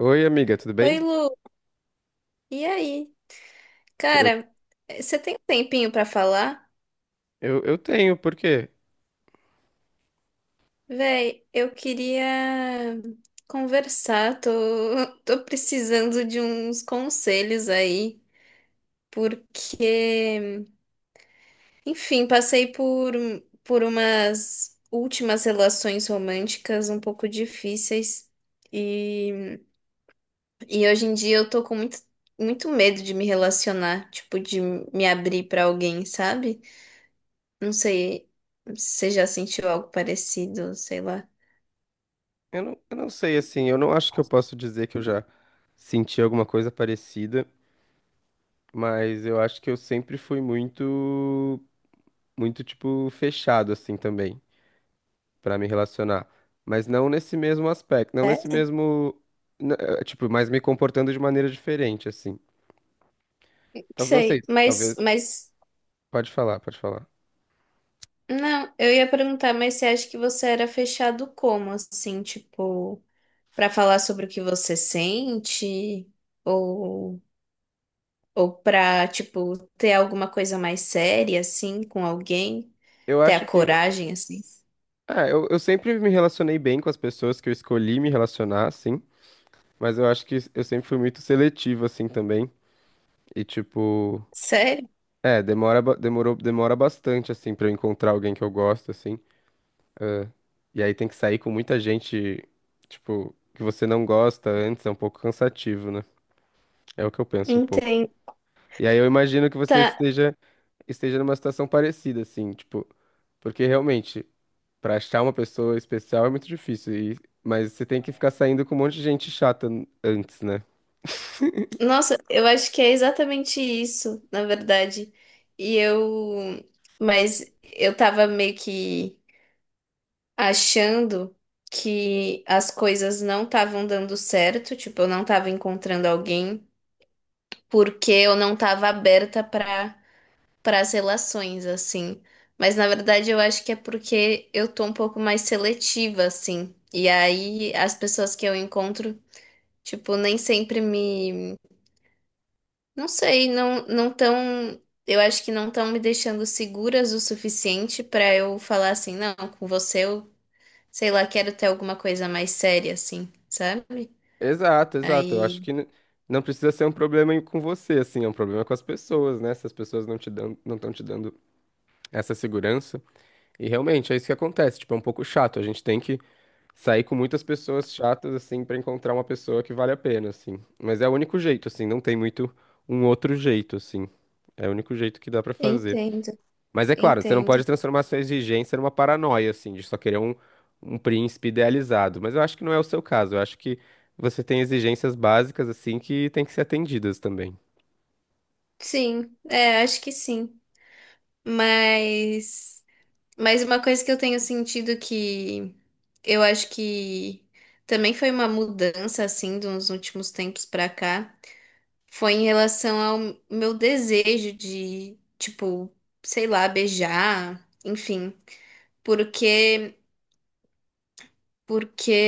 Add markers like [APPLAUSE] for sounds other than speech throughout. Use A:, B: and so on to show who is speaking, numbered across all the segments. A: Oi, amiga, tudo bem?
B: Oi, Lu. E aí?
A: Eu,
B: Cara, você tem um tempinho pra falar?
A: eu tenho, por quê?
B: Véi, eu queria conversar, tô, [LAUGHS] tô precisando de uns conselhos aí, porque, enfim, passei por umas últimas relações românticas um pouco difíceis e, e hoje em dia eu tô com muito, muito medo de me relacionar, tipo, de me abrir pra alguém, sabe? Não sei se você já sentiu algo parecido, sei lá.
A: Eu não sei, assim, eu não acho que eu posso dizer que eu já senti alguma coisa parecida, mas eu acho que eu sempre fui muito, muito, tipo, fechado, assim, também, pra me relacionar. Mas não nesse mesmo aspecto, não
B: É?
A: nesse
B: Não
A: mesmo, tipo, mas me comportando de maneira diferente, assim. Talvez, não sei,
B: sei,
A: talvez,
B: mas,
A: pode falar, pode falar.
B: não, eu ia perguntar, mas você acha que você era fechado como, assim, tipo, pra falar sobre o que você sente, ou, ou pra, tipo, ter alguma coisa mais séria, assim, com alguém,
A: Eu
B: ter a
A: acho que,
B: coragem, assim?
A: ah, eu sempre me relacionei bem com as pessoas que eu escolhi me relacionar, assim. Mas eu acho que eu sempre fui muito seletivo, assim, também. E, tipo,
B: Sério?
A: é, demora bastante, assim, pra eu encontrar alguém que eu gosto, assim. Ah, e aí tem que sair com muita gente, tipo, que você não gosta antes, é um pouco cansativo, né? É o que eu penso um pouco.
B: Entendo.
A: E aí eu imagino que você
B: Tá.
A: esteja numa situação parecida, assim, tipo, porque realmente, pra achar uma pessoa especial é muito difícil, e, mas você tem que ficar saindo com um monte de gente chata n- antes, né?
B: Nossa, eu acho que é exatamente isso, na verdade. E eu. Mas eu tava meio que achando que as coisas não estavam dando certo, tipo, eu não tava encontrando alguém, porque eu não tava aberta para as relações, assim. Mas na verdade eu acho que é porque eu tô um pouco mais seletiva, assim. E aí as pessoas que eu encontro, tipo, nem sempre me. Não sei, não tão. Eu acho que não estão me deixando seguras o suficiente pra eu falar assim, não, com você eu, sei lá, quero ter alguma coisa mais séria, assim, sabe?
A: Exato, exato. Eu acho
B: Aí.
A: que não precisa ser um problema com você, assim, é um problema com as pessoas, né? Se as pessoas não te dão, não estão te dando essa segurança. E realmente é isso que acontece, tipo, é um pouco chato. A gente tem que sair com muitas pessoas chatas, assim, pra encontrar uma pessoa que vale a pena, assim. Mas é o único jeito, assim, não tem muito um outro jeito, assim. É o único jeito que dá pra fazer.
B: Entendo,
A: Mas é claro, você não pode
B: entendo.
A: transformar sua exigência numa paranoia, assim, de só querer um príncipe idealizado. Mas eu acho que não é o seu caso. Eu acho que você tem exigências básicas, assim, que tem que ser atendidas também.
B: Sim, é, acho que sim. Mas. Mas uma coisa que eu tenho sentido que eu acho que também foi uma mudança, assim, dos últimos tempos pra cá. Foi em relação ao meu desejo de, tipo, sei lá, beijar, enfim. Porque, porque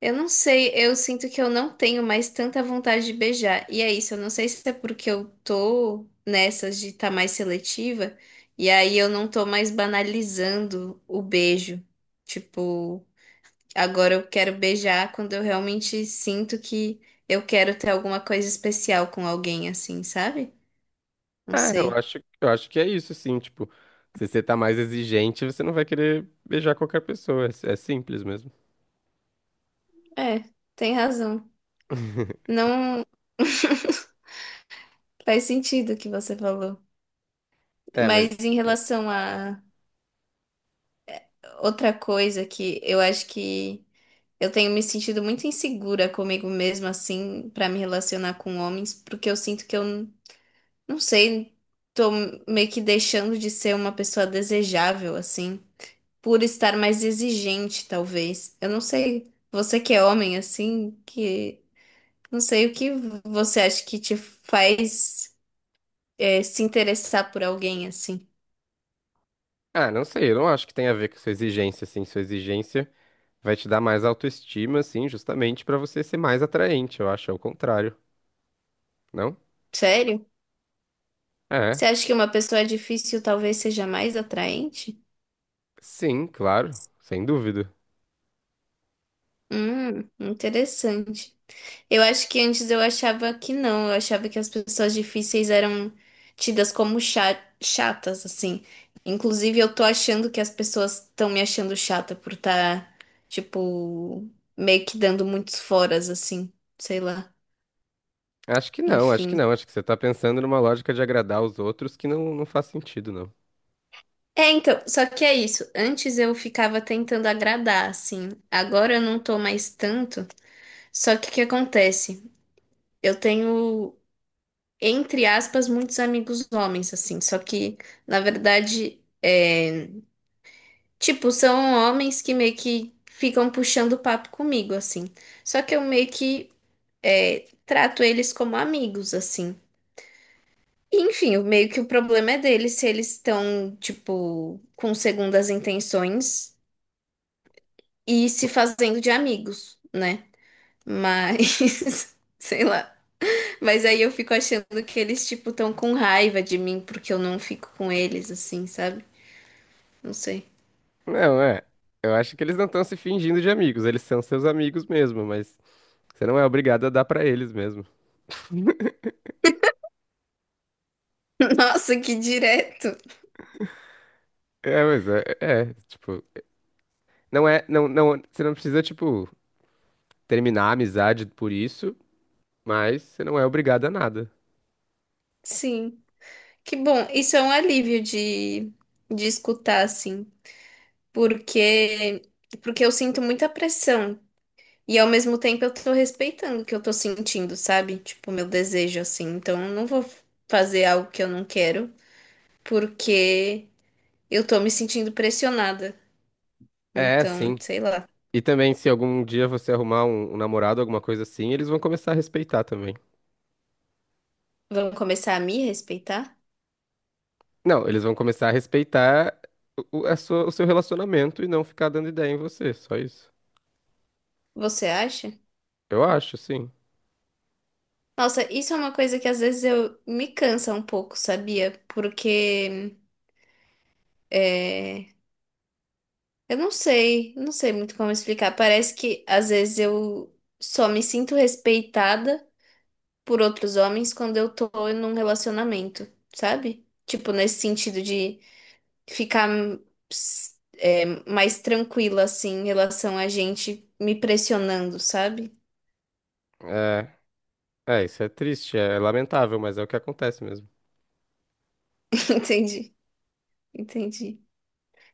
B: eu não sei, eu sinto que eu não tenho mais tanta vontade de beijar. E é isso, eu não sei se é porque eu tô nessas de estar mais seletiva, e aí eu não tô mais banalizando o beijo. Tipo, agora eu quero beijar quando eu realmente sinto que eu quero ter alguma coisa especial com alguém, assim, sabe? Não
A: É,
B: sei.
A: eu acho que é isso, sim. Tipo, se você tá mais exigente, você não vai querer beijar qualquer pessoa. É, é simples mesmo.
B: É, tem razão.
A: [LAUGHS]
B: Não [LAUGHS] faz sentido o que você falou.
A: É, mas.
B: Mas em relação a outra coisa que eu acho que eu tenho me sentido muito insegura comigo mesma, assim, pra me relacionar com homens, porque eu sinto que não sei, tô meio que deixando de ser uma pessoa desejável, assim, por estar mais exigente, talvez. Eu não sei, você que é homem, assim, que não sei o que você acha que te faz. É, se interessar por alguém assim.
A: Ah, não sei, eu não acho que tem a ver com sua exigência, assim. Sua exigência vai te dar mais autoestima, assim, justamente pra você ser mais atraente. Eu acho, é o contrário, não?
B: Sério?
A: É.
B: Você acha que uma pessoa difícil talvez seja mais atraente?
A: Sim, claro, sem dúvida.
B: Interessante. Eu acho que antes eu achava que não, eu achava que as pessoas difíceis eram tidas como chatas, assim. Inclusive, eu tô achando que as pessoas estão me achando chata por estar, tipo, meio que dando muitos foras, assim, sei lá.
A: Acho que não, acho que
B: Enfim.
A: não. Acho que você tá pensando numa lógica de agradar os outros que não, não faz sentido, não.
B: É, então, só que é isso. Antes eu ficava tentando agradar, assim. Agora eu não tô mais tanto. Só que o que acontece? Eu tenho, entre aspas, muitos amigos homens, assim. Só que, na verdade, é, tipo, são homens que meio que ficam puxando papo comigo, assim. Só que eu meio que é, trato eles como amigos, assim. E, enfim, meio que o problema é deles se eles estão, tipo, com segundas intenções e se fazendo de amigos, né? Mas, [LAUGHS] sei lá. Mas aí eu fico achando que eles, tipo, tão com raiva de mim porque eu não fico com eles, assim, sabe? Não sei.
A: Não, é. Eu acho que eles não estão se fingindo de amigos, eles são seus amigos mesmo, mas você não é obrigado a dar pra eles mesmo.
B: [LAUGHS] Nossa, que direto.
A: É, mas tipo, não é, não, não, você não precisa, tipo, terminar a amizade por isso, mas você não é obrigado a nada.
B: Sim. Que bom. Isso é um alívio de escutar, assim. Porque, porque eu sinto muita pressão. E ao mesmo tempo eu tô respeitando o que eu tô sentindo, sabe? Tipo, meu desejo, assim. Então eu não vou fazer algo que eu não quero. Porque. Eu tô me sentindo pressionada.
A: É,
B: Então,
A: sim.
B: sei lá.
A: E também, se algum dia você arrumar um namorado, alguma coisa assim, eles vão começar a respeitar também.
B: Vão começar a me respeitar?
A: Não, eles vão começar a respeitar o seu relacionamento e não ficar dando ideia em você, só isso.
B: Você acha?
A: Eu acho, sim.
B: Nossa, isso é uma coisa que às vezes eu me cansa um pouco, sabia? Porque é, eu não sei, não sei muito como explicar. Parece que às vezes eu só me sinto respeitada por outros homens quando eu tô num relacionamento, sabe? Tipo, nesse sentido de ficar é, mais tranquila, assim, em relação a gente me pressionando, sabe?
A: É, é, isso é triste, é lamentável, mas é o que acontece mesmo.
B: [LAUGHS] Entendi, entendi.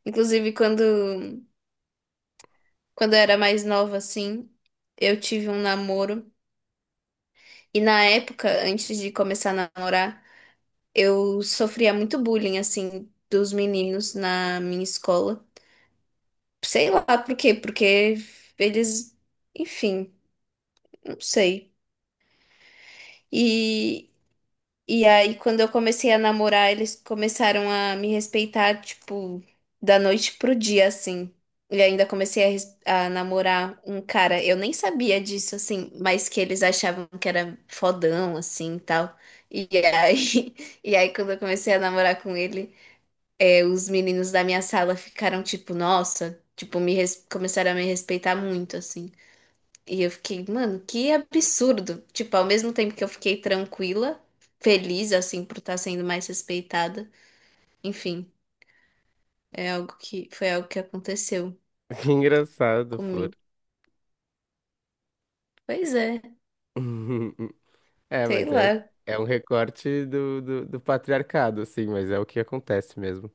B: Inclusive, quando eu era mais nova, assim, eu tive um namoro. E na época, antes de começar a namorar, eu sofria muito bullying, assim, dos meninos na minha escola. Sei lá por quê, porque eles, enfim, não sei. e E aí, quando eu comecei a namorar, eles começaram a me respeitar, tipo, da noite pro dia, assim. E ainda comecei a namorar um cara, eu nem sabia disso, assim, mas que eles achavam que era fodão, assim, e tal. E aí, [LAUGHS] e aí quando eu comecei a namorar com ele, é, os meninos da minha sala ficaram, tipo, nossa, tipo, começaram a me respeitar muito, assim. E eu fiquei, mano, que absurdo. Tipo, ao mesmo tempo que eu fiquei tranquila, feliz, assim, por estar sendo mais respeitada. Enfim, é algo que foi algo que aconteceu
A: [LAUGHS] Que engraçado, for.
B: comigo. Pois é,
A: [LAUGHS] É,
B: sei
A: mas é,
B: lá.
A: é um recorte do patriarcado, assim, mas é o que acontece mesmo.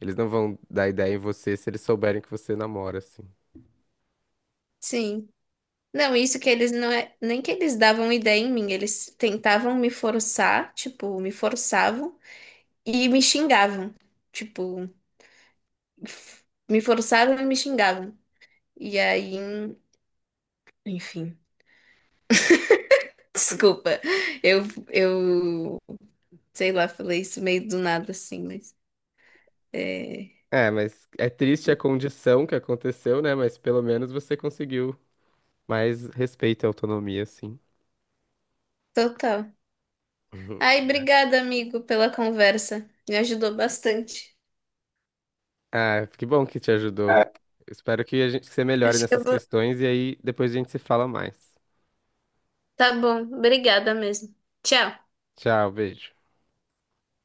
A: Eles não vão dar ideia em você se eles souberem que você namora, assim.
B: Sim. Não, isso que eles não é, nem que eles davam ideia em mim, eles tentavam me forçar, tipo, me forçavam e me xingavam. Tipo, f- me forçavam e me xingavam. E aí, enfim, [LAUGHS] desculpa. Eu, eu sei lá, falei isso meio do nada assim, mas é
A: É, mas é triste a condição que aconteceu, né? Mas pelo menos você conseguiu mais respeito e autonomia, assim.
B: total.
A: [LAUGHS]
B: Ai, obrigada, amigo, pela conversa. Me ajudou bastante.
A: Ah, que bom que te ajudou. Espero que a gente que você melhore
B: Acho que eu
A: nessas
B: vou.
A: questões e aí depois a gente se fala mais.
B: Tá bom, obrigada mesmo. Tchau.
A: Tchau, beijo.